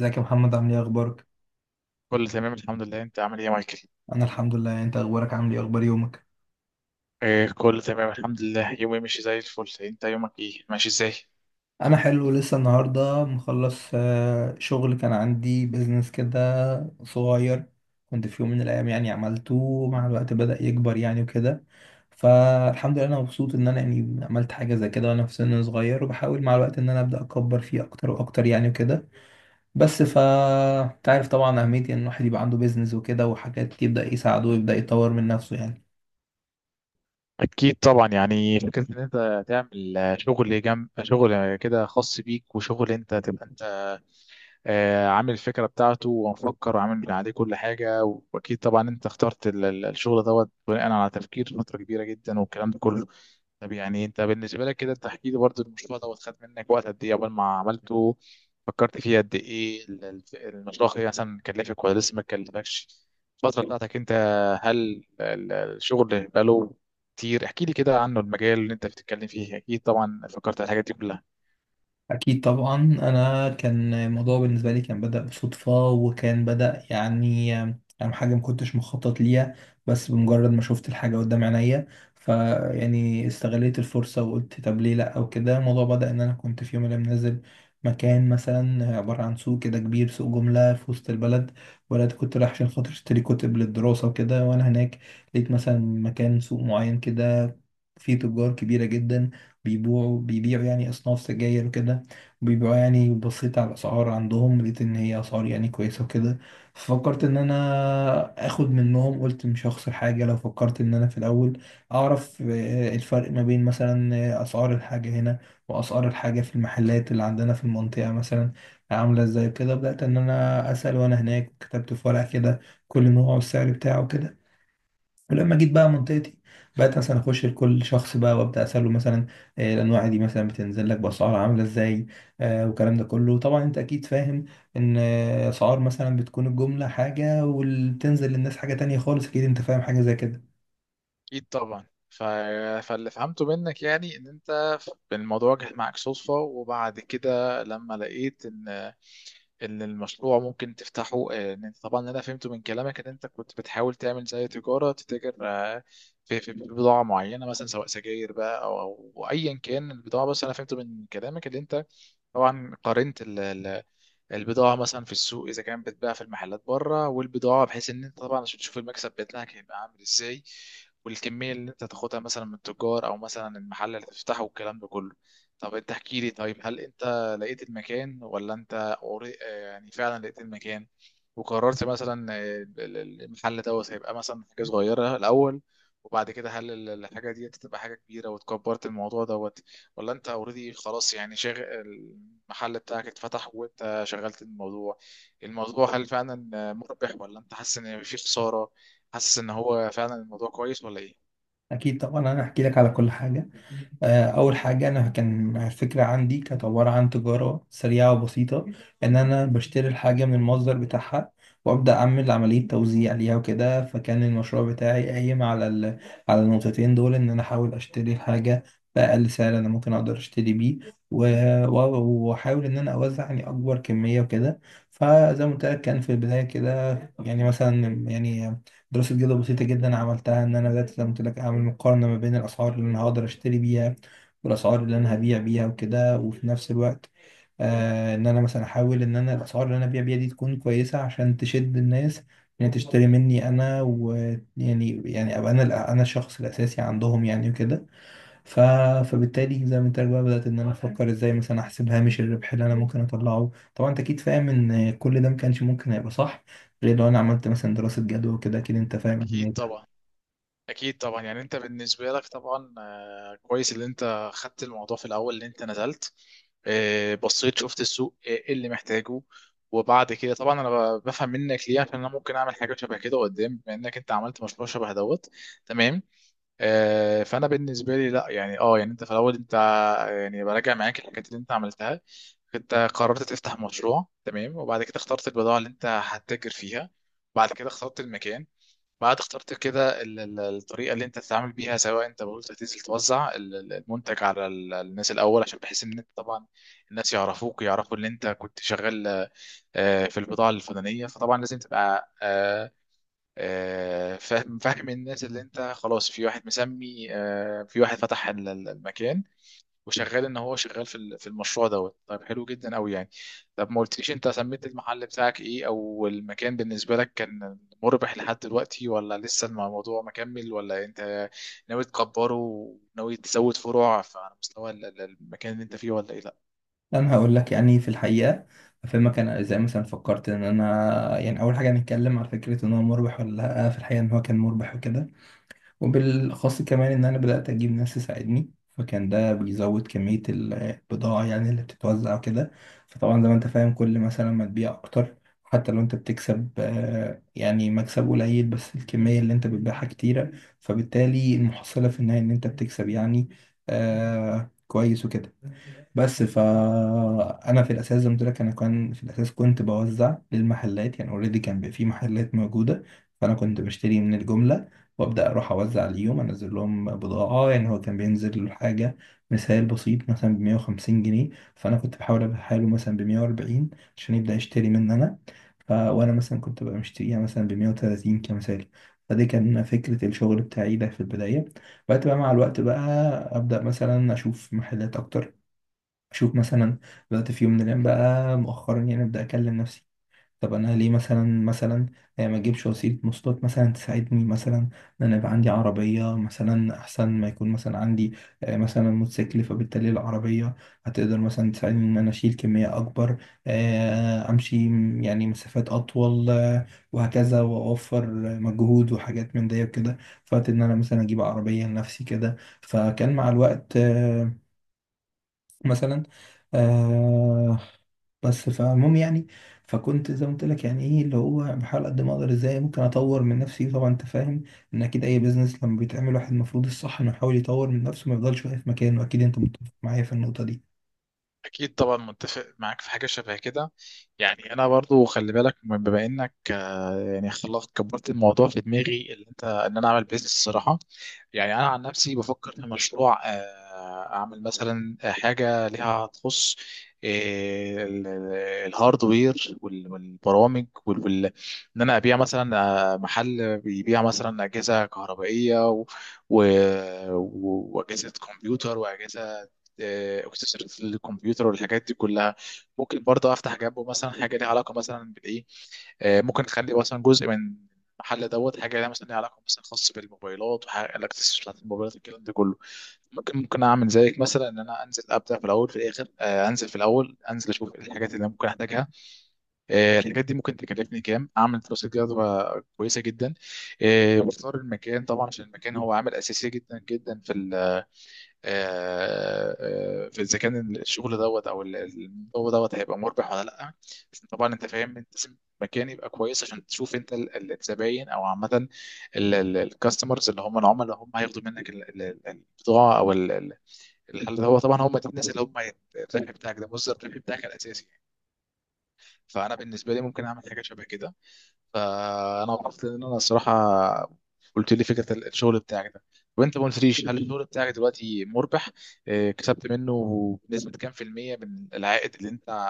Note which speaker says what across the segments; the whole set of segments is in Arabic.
Speaker 1: ازيك يا محمد؟ عامل ايه اخبارك؟
Speaker 2: كله تمام، الحمد لله. انت عامل ايه يا مايكل؟
Speaker 1: انا الحمد لله، يعني انت اخبارك؟ عامل ايه؟ اخبار يومك؟
Speaker 2: إيه كله تمام، الحمد لله. يومي ماشي زي الفل. انت يومك ايه، ماشي ازاي؟
Speaker 1: انا حلو، لسه النهارده مخلص شغل، كان عندي بيزنس كده صغير، كنت في يوم من الايام يعني عملته، مع الوقت بدأ يكبر يعني وكده. فالحمد لله انا مبسوط ان انا يعني عملت حاجه زي كده وانا في سن صغير، وبحاول مع الوقت ان انا ابدا اكبر فيه اكتر واكتر يعني وكده. بس ف تعرف طبعا اهميه ان الواحد يبقى عنده بيزنس وكده، وحاجات يبدا يساعده ويبدا يطور من نفسه يعني.
Speaker 2: اكيد طبعا، يعني فكره ان انت تعمل شغل جنب شغل، كده خاص بيك، وشغل انت تبقى انت عامل الفكره بتاعته ومفكر وعامل عليه كل حاجه. واكيد طبعا انت اخترت الشغل دوت بناء على تفكير فتره كبيره جدا والكلام ده كله. طب يعني انت بالنسبه لك كده، انت احكي لي برضه، المشروع ده خد منك وقت قد ايه قبل ما عملته؟ فكرت فيه قد ايه؟ المشروع ايه مثلا كلفك ولا لسه ما كلفكش؟ الفتره بتاعتك انت. هل الشغل بقاله كتير؟ احكي لي كده عنه، المجال اللي انت بتتكلم فيه اكيد طبعا فكرت على الحاجات دي كلها.
Speaker 1: أكيد طبعا. أنا كان الموضوع بالنسبة لي كان بدأ بصدفة، وكان بدأ يعني حاجة ما كنتش مخطط ليها، بس بمجرد ما شفت الحاجة قدام عينيا فيعني استغليت الفرصة وقلت طب ليه لأ وكده. الموضوع بدأ إن أنا كنت في يوم من الأيام نازل مكان مثلا عبارة عن سوق كده كبير، سوق جملة في وسط البلد، ولاد كنت رايح عشان خاطر أشتري كتب للدراسة وكده. وأنا هناك لقيت مثلا مكان سوق معين كده، فيه تجار كبيرة جدا بيبيعوا يعني أصناف سجاير وكده. بيبقى يعني بصيت على الأسعار عندهم، لقيت إن هي أسعار يعني كويسة وكده. ففكرت إن أنا آخد منهم، قلت مش هخسر حاجة لو فكرت إن أنا في الأول أعرف الفرق ما بين مثلا أسعار الحاجة هنا وأسعار الحاجة في المحلات اللي عندنا في المنطقة مثلا عاملة إزاي كده. بدأت إن أنا أسأل، وأنا هناك كتبت في ورقة كده كل نوع والسعر بتاعه كده. ولما جيت بقى منطقتي، بقيت مثلا اخش لكل شخص بقى وابدا اساله مثلا الانواع دي مثلا بتنزل لك باسعار عامله ازاي. والكلام ده كله طبعا انت اكيد فاهم ان اسعار مثلا بتكون الجمله حاجه، واللي بتنزل للناس حاجه تانية خالص. اكيد انت فاهم حاجه زي كده.
Speaker 2: اكيد طبعا. فاللي فهمته منك يعني ان انت الموضوع جه معاك صدفه، وبعد كده لما لقيت ان المشروع ممكن تفتحه، ان انت طبعا انا فهمته من كلامك ان انت كنت بتحاول تعمل زي تجاره تتاجر في بضاعه معينه مثلا، سواء سجاير بقى او ايا كان البضاعه، بس انا فهمته من كلامك ان انت طبعا قارنت البضاعة مثلا في السوق، إذا كانت بتتباع في المحلات بره، والبضاعة بحيث إن أنت طبعا عشان تشوف المكسب بتاعك هيبقى عامل إزاي. والكمية اللي أنت تاخدها مثلا من التجار أو مثلا المحل اللي تفتحه والكلام ده كله. طب أنت احكي لي، طيب هل أنت لقيت المكان ولا يعني فعلا لقيت المكان، وقررت مثلا المحل دوت هيبقى مثلا حاجة صغيرة الأول، وبعد كده هل الحاجة دي تبقى حاجة كبيرة وتكبرت الموضوع دوت؟ ولا انت اوريدي خلاص يعني شاغل، المحل بتاعك اتفتح وانت شغلت الموضوع، الموضوع هل فعلا مربح ولا انت حاسس ان في خسارة؟ حاسس ان هو فعلا الموضوع كويس ولا ايه؟
Speaker 1: اكيد طبعا انا هحكي لك على كل حاجه. أول حاجة، أنا كان فكرة عندي كانت عبارة عن تجارة سريعة وبسيطة، إن أنا بشتري الحاجة من المصدر بتاعها وأبدأ أعمل عملية توزيع ليها وكده. فكان المشروع بتاعي قايم على على النقطتين دول، إن أنا أحاول أشتري الحاجة بأقل سعر أنا ممكن أقدر أشتري بيه، و- و- وأحاول إن أنا أوزع يعني أكبر كمية وكده. فزي ما قلت لك، كان في البداية كده يعني مثلا يعني دراسة جدوى بسيطة جدا عملتها، إن أنا بدأت زي ما قلت لك أعمل مقارنة ما بين الأسعار اللي أنا هقدر أشتري بيها والأسعار اللي أنا هبيع بيها وكده. وفي نفس الوقت آه إن أنا مثلا أحاول إن أنا الأسعار اللي أنا هبيع بيها دي تكون كويسة عشان تشد الناس إنها تشتري مني أنا، ويعني يعني أبقى أنا الشخص الأساسي عندهم يعني وكده. ف... فبالتالي زي ما انت قايل بقى، بدأت ان انا افكر ازاي مثلا احسب هامش الربح اللي انا ممكن اطلعه. طبعا انت اكيد فاهم ان كل ده ما كانش ممكن هيبقى صح غير لو انا عملت مثلا دراسة جدوى وكده. اكيد انت فاهم
Speaker 2: اكيد
Speaker 1: اهميتها.
Speaker 2: طبعا اكيد طبعا. يعني انت بالنسبة لك طبعا كويس اللي انت خدت الموضوع في الاول، اللي انت نزلت، بصيت شفت السوق، ايه اللي محتاجه. وبعد كده طبعا انا بفهم منك ليه عشان انا ممكن اعمل حاجه شبه كده قدام، بما انك انت عملت مشروع شبه دوت. تمام. فانا بالنسبه لي لا يعني يعني انت في الاول انت، يعني براجع معاك الحاجات اللي انت عملتها. انت قررت تفتح مشروع، تمام. وبعد كده اخترت البضاعه اللي انت هتتاجر فيها. بعد كده اخترت المكان. بعد اخترت كده الطريقه اللي انت تتعامل بيها، سواء انت قلت هتنزل توزع المنتج على الناس الاول، عشان بحيث ان انت طبعا الناس يعرفوك، يعرفوا ان انت كنت شغال في البضاعه الفلانيه، فطبعا لازم تبقى فاهم فاهم الناس اللي انت خلاص، في واحد مسمي، في واحد فتح المكان وشغال ان هو شغال في المشروع دوت. طيب حلو جدا قوي يعني. طب ما قلتليش انت سميت المحل بتاعك ايه؟ او المكان بالنسبه لك كان مربح لحد دلوقتي ولا لسه الموضوع مكمل؟ ولا انت ناوي تكبره وناوي تزود فروع على مستوى المكان اللي انت فيه ولا ايه؟ لا،
Speaker 1: انا هقول لك يعني في الحقيقة افهمك انا ازاي مثلا فكرت ان انا يعني. اول حاجة هنتكلم على فكرة ان هو مربح ولا لا. في الحقيقة ان هو كان مربح وكده، وبالأخص كمان إن أنا بدأت أجيب ناس تساعدني، فكان ده بيزود كمية البضاعة يعني اللي بتتوزع وكده. فطبعا زي ما أنت فاهم، كل مثلا ما تبيع أكتر حتى لو أنت بتكسب يعني مكسب قليل، بس الكمية اللي أنت بتبيعها كتيرة، فبالتالي المحصلة في النهاية إن أنت بتكسب يعني كويس وكده. بس فانا في الاساس زي ما قلت لك، انا كان في الاساس كنت بوزع للمحلات يعني اوريدي، كان بيبقى في محلات موجوده، فانا كنت بشتري من الجمله وابدا اروح اوزع، اليوم انزل لهم بضاعه. يعني هو كان بينزل له حاجه، مثال بسيط مثلا ب 150 جنيه، فانا كنت بحاول ابيعها له مثلا ب 140 عشان يبدا يشتري مني انا. وانا مثلا كنت ببقى مشتريها مثلا ب 130 كمثال. فدي كان فكرة الشغل بتاعي ده في البداية. بعد بقى مع الوقت بقى أبدأ مثلا أشوف محلات أكتر، اشوف مثلا. بدات في يوم من الايام بقى مؤخرا يعني ابدا اكلم نفسي، طب انا ليه مثلا ما اجيبش وسيله مواصلات مثلا تساعدني، مثلا ان انا يبقى عندي عربيه مثلا احسن، ما يكون مثلا عندي مثلا موتوسيكل. فبالتالي العربيه هتقدر مثلا تساعدني ان انا اشيل كميه اكبر، امشي يعني مسافات اطول، وهكذا، واوفر مجهود وحاجات من دي وكده. فقلت ان انا مثلا اجيب عربيه لنفسي كده. فكان مع الوقت مثلا آه بس فالمهم يعني. فكنت زي ما قلت لك يعني ايه اللي هو بحاول قد ما اقدر ازاي ممكن اطور من نفسي. طبعا انت فاهم ان اكيد اي بيزنس لما بيتعمل، واحد المفروض الصح انه يحاول يطور من نفسه ما يفضلش واقف مكانه. اكيد انت متفق معايا في النقطة دي.
Speaker 2: اكيد طبعا، متفق معاك في حاجه شبه كده. يعني انا برضو خلي بالك، بما انك يعني خلصت كبرت الموضوع في دماغي اللي انت ان انا اعمل بيزنس الصراحه. يعني انا عن نفسي بفكر في مشروع، اعمل مثلا حاجه ليها تخص آه، ال- ال- الهاردوير والبرامج ان انا ابيع مثلا، محل بيبيع مثلا اجهزه كهربائيه و... واجهزه كمبيوتر واجهزه اكسسوارات الكمبيوتر والحاجات دي كلها. ممكن برضه افتح جنبه مثلا حاجه ليها علاقه مثلا بالايه، ممكن نخلي مثلا جزء من المحل دوت حاجه لها مثلا، ليها علاقه مثلا خاص بالموبايلات وحاجه الاكسسوارز بتاعت الموبايلات، الكلام ده كله. ممكن اعمل زيك مثلا ان انا انزل ابدا في الاول في الاخر، انزل في الاول انزل اشوف إيه الحاجات اللي أنا ممكن احتاجها. الحاجات دي ممكن تكلفني كام، اعمل دراسه جدوى كويسه جدا، واختار المكان طبعا. عشان المكان هو عامل اساسي جدا جدا في آه، اذا كان الشغل دوت او الموضوع دوت هيبقى مربح ولا لا. طبعا انت فاهم انت لازم مكان يبقى كويس عشان تشوف انت الزباين، او عامه الكاستمرز اللي هم العملاء، هم هياخدوا منك البضاعه او اللي هو طبعا هم دول الناس اللي هم الربح بتاعك ده، مصدر الربح بتاعك الاساسي يعني. فانا بالنسبه لي ممكن اعمل حاجه شبه كده. فانا وقفت، ان انا الصراحه قلت لي فكره الشغل بتاعك ده، وانت ما قلتليش هل الشغل بتاعك دلوقتي مربح، كسبت منه بنسبه كام في الميه من العائد اللي انت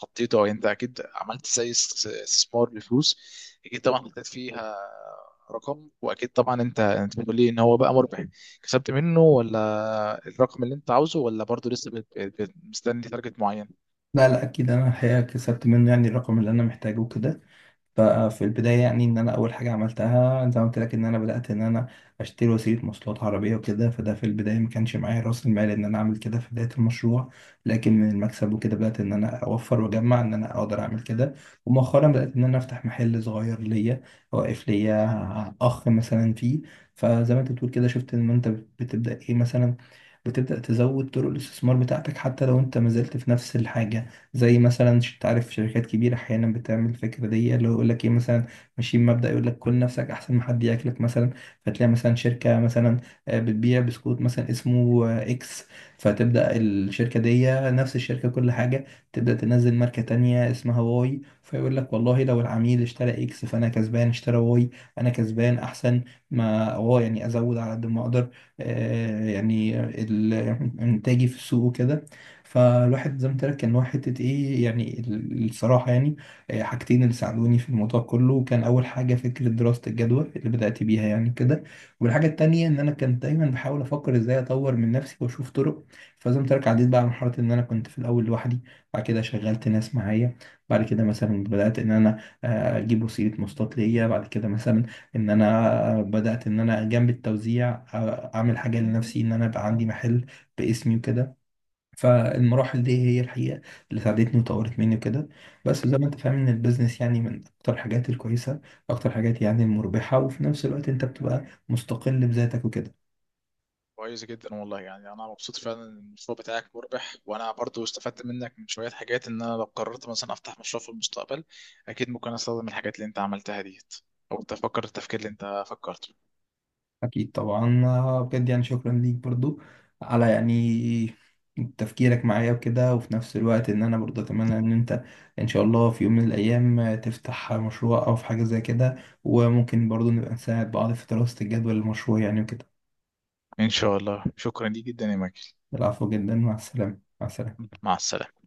Speaker 2: حطيته، او انت اكيد عملت زي استثمار لفلوس. اكيد طبعا حطيت فيها رقم، واكيد طبعا انت بتقول لي ان هو بقى مربح، كسبت منه ولا الرقم اللي انت عاوزه، ولا برضه لسه مستني تارجت معين.
Speaker 1: لا لا، اكيد انا الحقيقة كسبت منه يعني الرقم اللي انا محتاجه وكده. ففي البداية يعني إن أنا أول حاجة عملتها زي ما قلت لك، إن أنا بدأت إن أنا أشتري وسيلة مواصلات، عربية وكده. فده في البداية ما كانش معايا رأس المال إن أنا أعمل كده في بداية المشروع، لكن من المكسب وكده بدأت إن أنا أوفر وأجمع إن أنا أقدر أعمل كده. ومؤخرا بدأت إن أنا أفتح محل صغير ليا، واقف ليا أخ مثلا فيه. فزي ما أنت بتقول كده، شفت إن أنت بتبدأ إيه مثلا، بتبدأ تزود طرق الاستثمار بتاعتك حتى لو أنت ما زلت في نفس الحاجة. زي مثلا تعرف شركات كبيرة أحيانا بتعمل الفكرة دي، اللي هو يقول لك إيه مثلا، ماشيين مبدأ يقول لك كل نفسك أحسن ما حد ياكلك مثلا. فتلاقي مثلا شركة مثلا بتبيع بسكوت مثلا اسمه إكس، فتبدأ الشركة دي نفس الشركة كل حاجة تبدأ تنزل ماركة تانية اسمها واي. فيقول لك والله لو العميل اشترى إكس فأنا كسبان، اشترى واي أنا كسبان. أحسن ما هو يعني أزود على قد ما أقدر يعني إنتاجي في السوق وكده. فالواحد زي ما قلت لك ان هو حته ايه يعني الصراحه يعني حاجتين اللي ساعدوني في الموضوع كله. كان اول حاجه فكره دراسه الجدوى اللي بدات بيها يعني كده، والحاجه التانيه ان انا كنت دايما بحاول افكر ازاي اطور من نفسي واشوف طرق. فزي ما قلت لك عديت بقى على مرحله ان انا كنت في الاول لوحدي، بعد كده شغلت ناس معايا، بعد كده مثلا بدات ان انا اجيب وسيله مواصلات ليا، بعد كده مثلا ان انا بدات ان انا جنب التوزيع اعمل حاجه لنفسي ان انا بقى عندي محل باسمي وكده. فالمراحل دي هي الحقيقة اللي ساعدتني وطورت مني وكده. بس زي ما انت فاهم، ان البيزنس يعني من اكتر الحاجات الكويسة، اكتر الحاجات يعني المربحة، وفي نفس الوقت انت بتبقى مستقل بذاتك وكده.
Speaker 2: كويس جدا والله، يعني انا مبسوط فعلا ان المشروع بتاعك مربح، وانا برضو استفدت منك من شويه حاجات ان انا لو قررت مثلا افتح مشروع في المستقبل، اكيد ممكن استخدم الحاجات اللي انت عملتها ديت، او تفكر التفكير اللي انت فكرته.
Speaker 1: اكيد طبعا بجد يعني شكرا ليك برضو على يعني تفكيرك معايا وكده. وفي نفس الوقت ان انا برضو اتمنى ان انت ان شاء الله في يوم من الايام تفتح مشروع او في حاجة زي كده، وممكن برضو نبقى نساعد بعض في دراسة الجدول المشروع يعني وكده.
Speaker 2: ان شاء الله. شكرا ليك جدا يا ماجد.
Speaker 1: العفو جدا، مع السلامة، مع السلامة.
Speaker 2: مع السلامه.